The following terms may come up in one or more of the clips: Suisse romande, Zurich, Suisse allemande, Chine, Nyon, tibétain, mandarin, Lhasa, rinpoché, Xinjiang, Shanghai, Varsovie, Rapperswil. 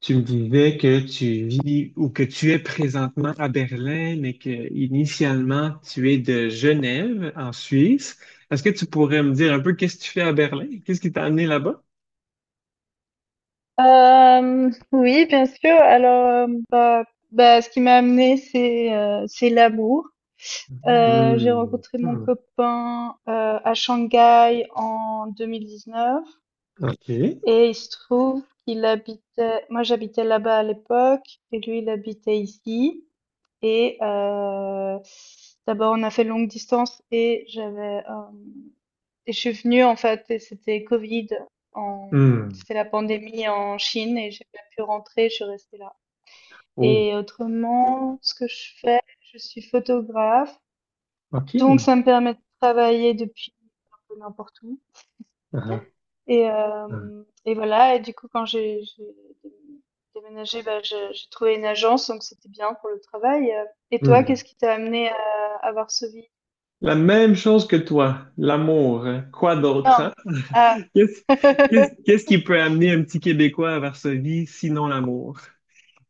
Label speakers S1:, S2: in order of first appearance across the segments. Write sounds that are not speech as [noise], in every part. S1: Tu me disais que tu vis ou que tu es présentement à Berlin, mais que initialement tu es de Genève, en Suisse. Est-ce que tu pourrais me dire un peu qu'est-ce que tu fais à Berlin? Qu'est-ce qui t'a amené là-bas?
S2: Oui, bien sûr. Alors, hem, bah bah, ce qui m'a amenée, c'est l'amour. J'ai
S1: Hmm.
S2: rencontré mon
S1: Hmm.
S2: copain, à Shanghai en 2019,
S1: OK.
S2: et il se trouve qu'il habitait moi, j'habitais là-bas à l'époque, et lui, il habitait ici. Et d'abord, on a fait longue distance, et j'avais, hem et je suis venue, en fait, et c'était Covid, en...
S1: Hmm.
S2: c'était la pandémie en Chine, et j'ai pas pu rentrer, je suis restée là.
S1: Oh,
S2: Et autrement, ce que je fais, je suis photographe, donc
S1: OK.
S2: ça me permet de travailler depuis n'importe où.
S1: Ah, ah,
S2: Et,
S1: ah.
S2: euh, et voilà, et du coup quand j'ai déménagé, bah, j'ai trouvé une agence, donc c'était bien pour le travail. Et toi,
S1: Hmm.
S2: qu'est-ce qui t'a amené à Varsovie?
S1: La même chose que toi, l'amour, hein. Quoi d'autre,
S2: Non.
S1: hein?
S2: Ah.
S1: Qu'est-ce, qu'est-ce,
S2: [laughs]
S1: qu'est-ce qui peut amener un petit Québécois à Varsovie, sinon l'amour?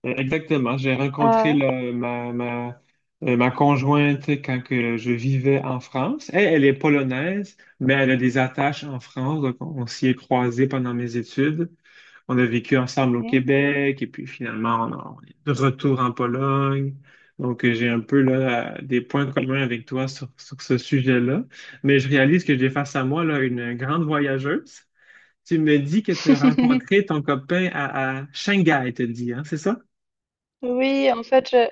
S1: Exactement. J'ai rencontré
S2: Ah.
S1: ma conjointe quand que je vivais en France. Elle, elle est polonaise, mais elle a des attaches en France. Donc, on s'y est croisés pendant mes études. On a vécu ensemble au
S2: Mhm.
S1: Québec et puis finalement, on est de retour en Pologne. Donc, j'ai un peu là, des points communs avec toi sur, sur ce sujet-là. Mais je réalise que j'ai face à moi là, une grande voyageuse. Tu me dis que tu as
S2: [laughs]
S1: rencontré ton copain à Shanghai, tu dis, hein, c'est ça?
S2: Oui, en fait, je,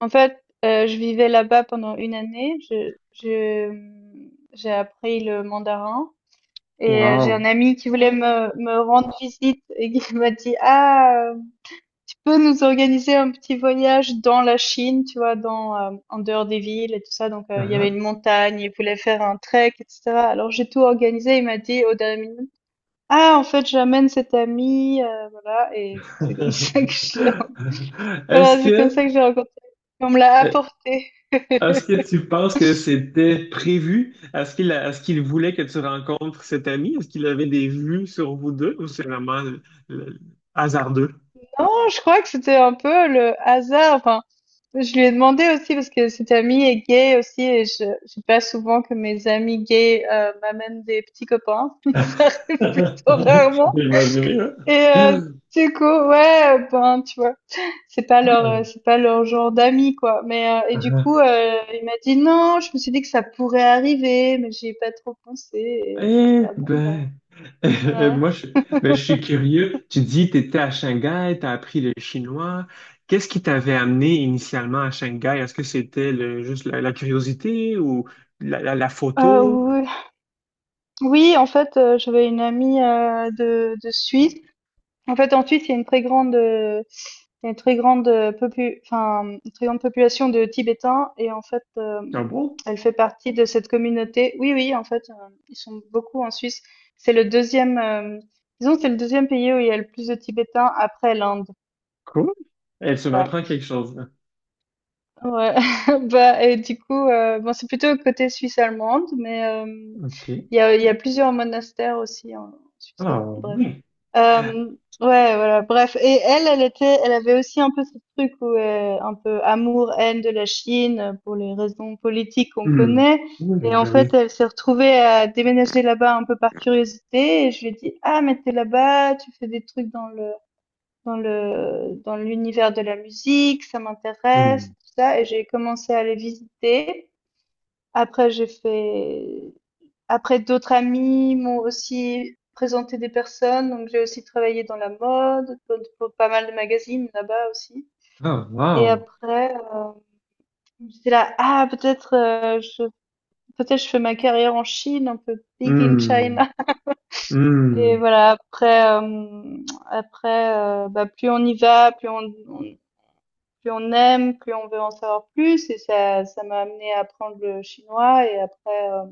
S2: en fait, euh, je vivais là-bas pendant une année. J'ai appris le mandarin, et j'ai un
S1: Wow.
S2: ami qui voulait me rendre visite et qui [laughs] m'a dit, ah, tu peux nous organiser un petit voyage dans la Chine, tu vois, en dehors des villes et tout ça. Donc, il y avait
S1: Hein?
S2: une montagne, il voulait faire un trek, etc. Alors, j'ai tout organisé. Il m'a dit au dernier minute, ah, en fait, j'amène cet ami, voilà, et c'est comme [laughs] ça que je l'ai,
S1: [laughs] Est-ce
S2: voilà, c'est comme
S1: que,
S2: ça que j'ai rencontré, on me l'a
S1: euh,
S2: apporté.
S1: Est-ce que
S2: [laughs]
S1: tu penses que c'était prévu? Est-ce qu'il voulait que tu rencontres cet ami? Est-ce qu'il avait des vues sur vous deux ou c'est vraiment le- hasardeux?
S2: Non, je crois que c'était un peu le hasard. Enfin, je lui ai demandé aussi, parce que cet ami est gay aussi, et je j'ai pas souvent que mes amis gays m'amènent des petits copains.
S1: [laughs]
S2: [laughs] Ça
S1: J'ai
S2: arrive plutôt rarement.
S1: imaginé,
S2: Et
S1: hein?
S2: du coup, ouais, ben tu vois, c'est pas leur genre d'amis quoi. Mais et du
S1: Ah.
S2: coup, il m'a dit non. Je me suis dit que ça pourrait arriver, mais j'y ai pas trop pensé. Et j'étais
S1: Eh
S2: là, bon
S1: ben, [laughs] euh,
S2: ben.
S1: moi, je,
S2: Ouais.
S1: ben, je suis
S2: [laughs]
S1: curieux. Tu dis, tu étais à Shanghai, tu as appris le chinois. Qu'est-ce qui t'avait amené initialement à Shanghai? Est-ce que c'était juste la curiosité ou la
S2: Euh,
S1: photo?
S2: oui, oui, en fait, j'avais une amie de Suisse. En fait, en Suisse, il y a une très grande enfin, une très grande population de Tibétains, et en fait,
S1: Ah bon?
S2: elle fait partie de cette communauté. Oui, oui, en fait, ils sont beaucoup en Suisse. C'est le deuxième, euh, Disons que c'est le deuxième pays où il y a le plus de Tibétains après l'Inde.
S1: Cool. Et tu
S2: Euh,
S1: m'apprends quelque chose là.
S2: Ouais, [laughs] bah et du coup, bon, c'est plutôt côté Suisse allemande, mais
S1: OK.
S2: il y a plusieurs monastères aussi en Suisse
S1: Ah
S2: romande, bref.
S1: oui.
S2: Euh, ouais, voilà, bref. Et elle, elle avait aussi un peu ce truc où un peu amour-haine de la Chine, pour les raisons politiques qu'on
S1: Hmm.
S2: connaît.
S1: Oui,
S2: Et en
S1: ben
S2: fait,
S1: oui.
S2: elle s'est retrouvée à déménager là-bas un peu par curiosité. Et je lui ai dit, ah, mais t'es là-bas, tu fais des trucs dans l'univers de la musique, ça m'intéresse,
S1: Hmm.
S2: tout ça, et j'ai commencé à les visiter. Après, après d'autres amis m'ont aussi présenté des personnes, donc j'ai aussi travaillé dans la mode, pour pas mal de magazines là-bas aussi.
S1: Ah,
S2: Et
S1: wow.
S2: après, j'étais là, ah peut-être, je fais ma carrière en Chine, un peu big in
S1: Hmm.
S2: China. [laughs] Et
S1: Hmm.
S2: voilà, après, bah, plus on y va, plus on aime, plus on veut en savoir plus, et ça m'a amené à apprendre le chinois. Et après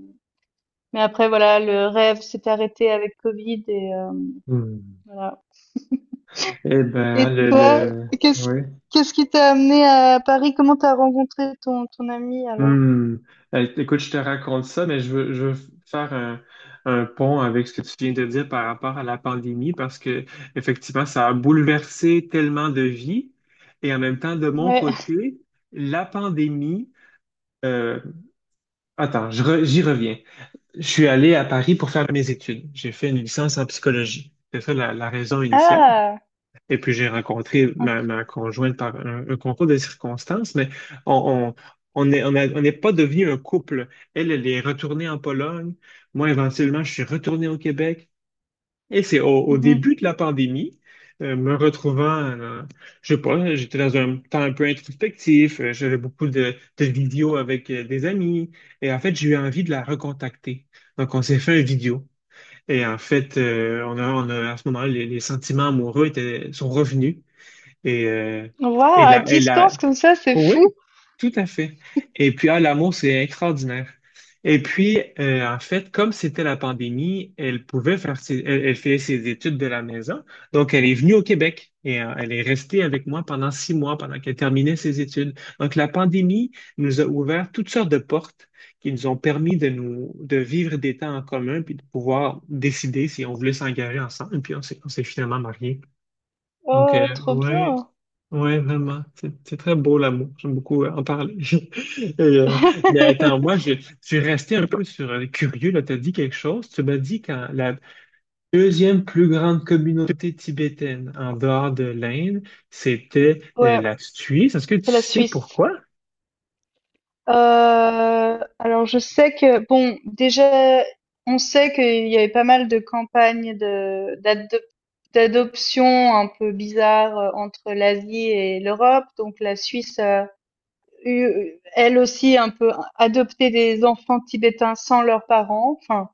S2: mais après, voilà, le rêve s'est arrêté avec Covid, et
S1: Hmm.
S2: voilà.
S1: Eh ben,
S2: Et toi,
S1: le...
S2: qu'est-ce
S1: Oui.
S2: qu'est-ce qui t'a amené à Paris? Comment t'as rencontré ton ami alors?
S1: Hmm. Écoute, je te raconte ça, mais je veux faire un pont avec ce que tu viens de dire par rapport à la pandémie, parce que effectivement, ça a bouleversé tellement de vies. Et en même temps, de mon
S2: Ouais.
S1: côté, la pandémie, euh, j'y reviens. Je suis allé à Paris pour faire mes études. J'ai fait une licence en psychologie. C'est ça la raison initiale.
S2: Ah,
S1: Et puis j'ai rencontré
S2: ok.
S1: ma conjointe par un concours de circonstances, mais on, on, on est- on n'est pas devenu un couple. Elle, elle est retournée en Pologne. Moi, éventuellement, je suis retourné au Québec. Et c'est au
S2: Mhm.
S1: début de la pandémie, me retrouvant, je sais pas, j'étais dans un temps un peu introspectif, j'avais beaucoup de vidéos avec des amis. Et en fait, j'ai eu envie de la recontacter. Donc, on s'est fait un vidéo. Et en fait, on a, à ce moment-là, les sentiments amoureux sont revenus. Et,
S2: Waouh, à
S1: et la,
S2: distance comme ça, c'est fou.
S1: oui, tout à fait. Et puis, ah, l'amour, c'est extraordinaire. Et puis, en fait, comme c'était la pandémie, elle pouvait faire ses, elle, elle faisait ses études de la maison. Donc, elle est venue au Québec et elle est restée avec moi pendant six mois pendant qu'elle terminait ses études. Donc, la pandémie nous a ouvert toutes sortes de portes qui nous ont permis de vivre des temps en commun puis de pouvoir décider si on voulait s'engager ensemble. Puis, on s'est finalement mariés. Donc,
S2: Oh, trop
S1: ouais.
S2: bien.
S1: Ouais, vraiment. C'est très beau l'amour. J'aime beaucoup en parler. [laughs] Et, mais attends,
S2: [laughs]
S1: je suis resté un peu sur curieux. Là, tu as dit quelque chose. Tu m'as dit quand la deuxième plus grande communauté tibétaine en dehors de l'Inde, c'était
S2: Ouais,
S1: la Suisse. Est-ce que tu
S2: c'est la
S1: sais
S2: Suisse.
S1: pourquoi?
S2: Alors je sais que bon, déjà, on sait qu'il y avait pas mal de campagnes de d'adop d'adoption un peu bizarres, entre l'Asie et l'Europe. Donc la Suisse a eu, elle aussi, un peu adopté des enfants tibétains sans leurs parents. Enfin,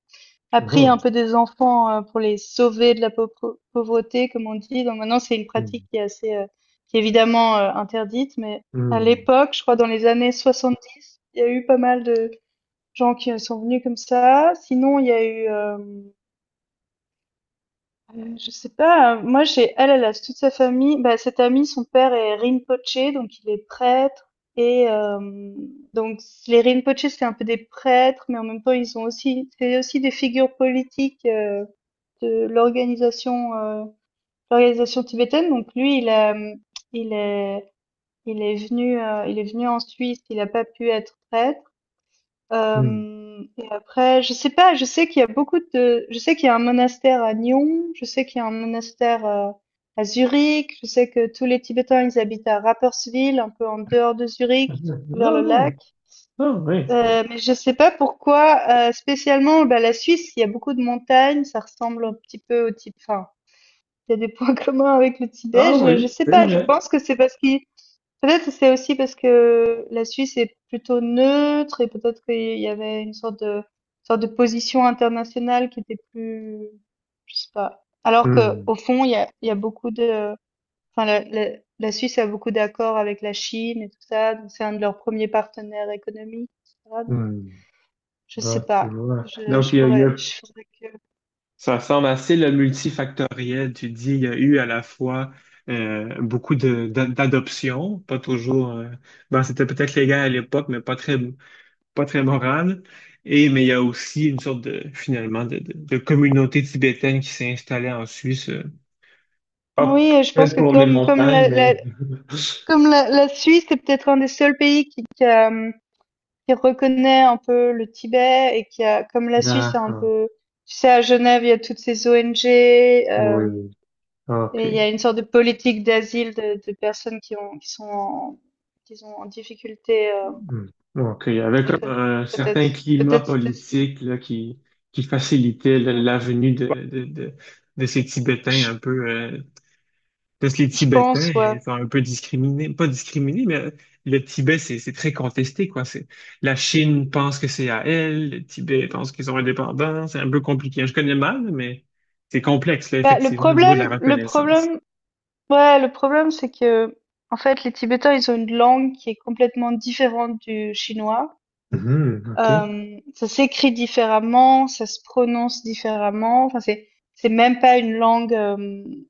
S2: après, il y a
S1: Mhm.
S2: pris un peu des enfants, pour les sauver de la paupre pauvreté, comme on dit. Donc maintenant, c'est une pratique qui est évidemment, interdite, mais à
S1: Mhm.
S2: l'époque, je crois dans les années 70, il y a eu pas mal de gens qui, sont venus comme ça. Sinon, il y a eu, je sais pas, moi j'ai elle, elle a toute sa famille bah, cette amie, son père est rinpoché, donc il est prêtre, et donc les rinpochés, c'est un peu des prêtres, mais en même temps, ils ont aussi c'est aussi des figures politiques, de l'organisation tibétaine. Donc lui, il est il est venu en Suisse. Il n'a pas pu être prêtre.
S1: Mhm.
S2: Et après, je sais pas. Je sais qu'il y a beaucoup de. Je sais qu'il y a un monastère à Nyon. Je sais qu'il y a un monastère à Zurich. Je sais que tous les Tibétains ils habitent à Rapperswil, un peu en dehors de
S1: Ah
S2: Zurich, vers le lac.
S1: non. Ah oui.
S2: Mais je sais pas pourquoi spécialement, bah, la Suisse, il y a beaucoup de montagnes, ça ressemble un petit peu au type, enfin, il y a des points [laughs] communs avec le Tibet.
S1: Ah oui,
S2: Je sais
S1: c'est
S2: pas, je
S1: vrai.
S2: pense que c'est parce qu'il. Peut-être c'est aussi parce que la Suisse est plutôt neutre, et peut-être qu'il y avait une sorte de position internationale qui était plus. Je sais pas. Alors que
S1: Hmm,
S2: au fond, il y a beaucoup de. Enfin, la Suisse a beaucoup d'accords avec la Chine et tout ça. Donc c'est un de leurs premiers partenaires économiques, etc. Donc,
S1: hmm.
S2: je sais
S1: Bah, tu
S2: pas.
S1: vois.
S2: Je,
S1: Donc,
S2: je
S1: il y
S2: pourrais,
S1: a-
S2: je faudrait que.
S1: Ça semble assez le multifactoriel. Tu dis, il y a eu à la fois beaucoup d'adoptions, pas toujours. Bon, c'était peut-être légal à l'époque, mais pas très moral. Et mais il y a aussi une sorte de finalement de communauté tibétaine qui s'est installée en Suisse. Hop,
S2: Oui, je pense
S1: peut-être
S2: que
S1: pour les
S2: comme comme
S1: montagnes,
S2: la,
S1: mais
S2: la-
S1: [laughs]
S2: Comme la, la Suisse est peut-être un des seuls pays qui reconnaît un peu le Tibet, et comme la Suisse a un
S1: d'accord.
S2: peu, tu sais, à Genève, il y a toutes ces ONG,
S1: Oui, oui.
S2: et il y
S1: OK.
S2: a une sorte de politique d'asile de, personnes qui sont en difficulté,
S1: Hmm. Donc, il y avait comme
S2: économique.
S1: un
S2: Peut-être,
S1: certain climat
S2: peut-être,
S1: politique là, qui facilitait la venue de ces Tibétains
S2: je,
S1: un peu. Parce que les
S2: je
S1: Tibétains
S2: pense,
S1: ils
S2: ouais.
S1: sont un peu discriminés, pas discriminés, mais le Tibet, c'est très contesté, quoi. C'est, la Chine pense que c'est à elle, le Tibet pense qu'ils sont indépendants, c'est un peu compliqué. Je connais mal, mais c'est complexe, là,
S2: Bah, le
S1: effectivement, au niveau de la
S2: problème, le
S1: reconnaissance.
S2: problème, ouais, c'est que, en fait, les Tibétains, ils ont une langue qui est complètement différente du chinois.
S1: Mhm, OK.
S2: Ça s'écrit différemment, ça se prononce différemment, enfin c'est même pas une langue,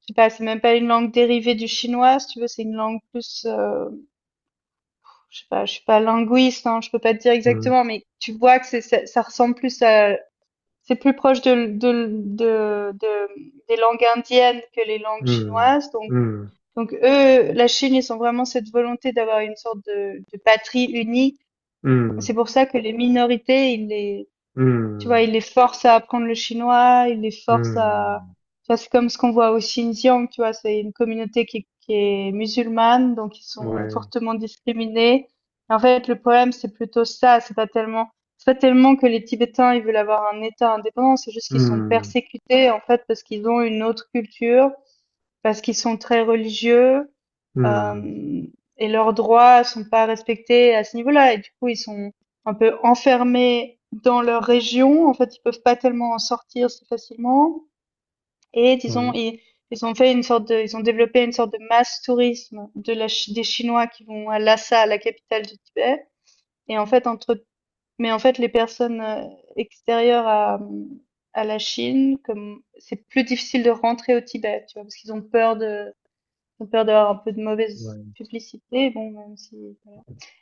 S2: je sais pas, c'est même pas une langue dérivée du chinois si tu veux, c'est une langue plus, je sais pas, je suis pas linguiste, hein, je peux pas te dire
S1: Hmm,
S2: exactement, mais tu vois que c'est ça ça ressemble plus à c'est plus proche de de des langues indiennes que les langues
S1: hmm,
S2: chinoises. donc
S1: hmm,
S2: donc eux, la Chine, ils ont vraiment cette volonté d'avoir une sorte de patrie unie. C'est pour ça que les minorités, ils les, Tu
S1: hmm,
S2: vois, il
S1: hmm,
S2: les force à apprendre le chinois, il les force à,
S1: hmm.
S2: tu vois, c'est comme ce qu'on voit au Xinjiang, tu vois, c'est une communauté qui est musulmane, donc ils sont
S1: Ouais.
S2: fortement discriminés. En fait, le problème, c'est plutôt ça, c'est pas tellement que les Tibétains, ils veulent avoir un État indépendant, c'est juste qu'ils sont
S1: Hmm.
S2: persécutés, en fait, parce qu'ils ont une autre culture, parce qu'ils sont très religieux,
S1: Hmm.
S2: euh, et leurs droits sont pas respectés à ce niveau-là. Et du coup, ils sont un peu enfermés dans leur région. En fait, ils peuvent pas tellement en sortir si facilement. Et disons,
S1: Ouais,
S2: ils ont développé une sorte de masse tourisme des Chinois qui vont à Lhasa, la capitale du Tibet. Et en fait, mais en fait, les personnes extérieures à, la Chine, comme c'est plus difficile de rentrer au Tibet, tu vois, parce qu'ils ont peur d'avoir un peu de mauvaise
S1: ouais.
S2: publicité, bon, même si...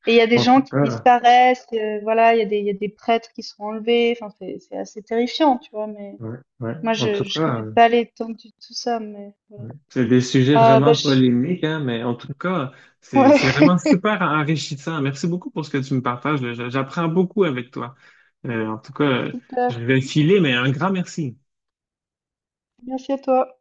S2: Et il y a des
S1: En
S2: gens
S1: tout
S2: qui
S1: cas,
S2: disparaissent, voilà, il y a des prêtres qui sont enlevés, enfin, c'est assez terrifiant, tu vois, mais
S1: ouais, ouais.
S2: moi,
S1: En
S2: je,
S1: tout
S2: je
S1: cas,
S2: connais pas l'étendue de tout ça, mais...
S1: ouais. C'est des sujets
S2: Ah, bah,
S1: vraiment
S2: je...
S1: polémiques, hein, mais en tout cas, c'est
S2: ouais,
S1: vraiment super enrichissant. Merci beaucoup pour ce que tu me partages là. J'apprends beaucoup avec toi. Euh, en tout cas,
S2: [laughs]
S1: euh, je
S2: super.
S1: vais filer, mais un grand merci.
S2: Merci à toi.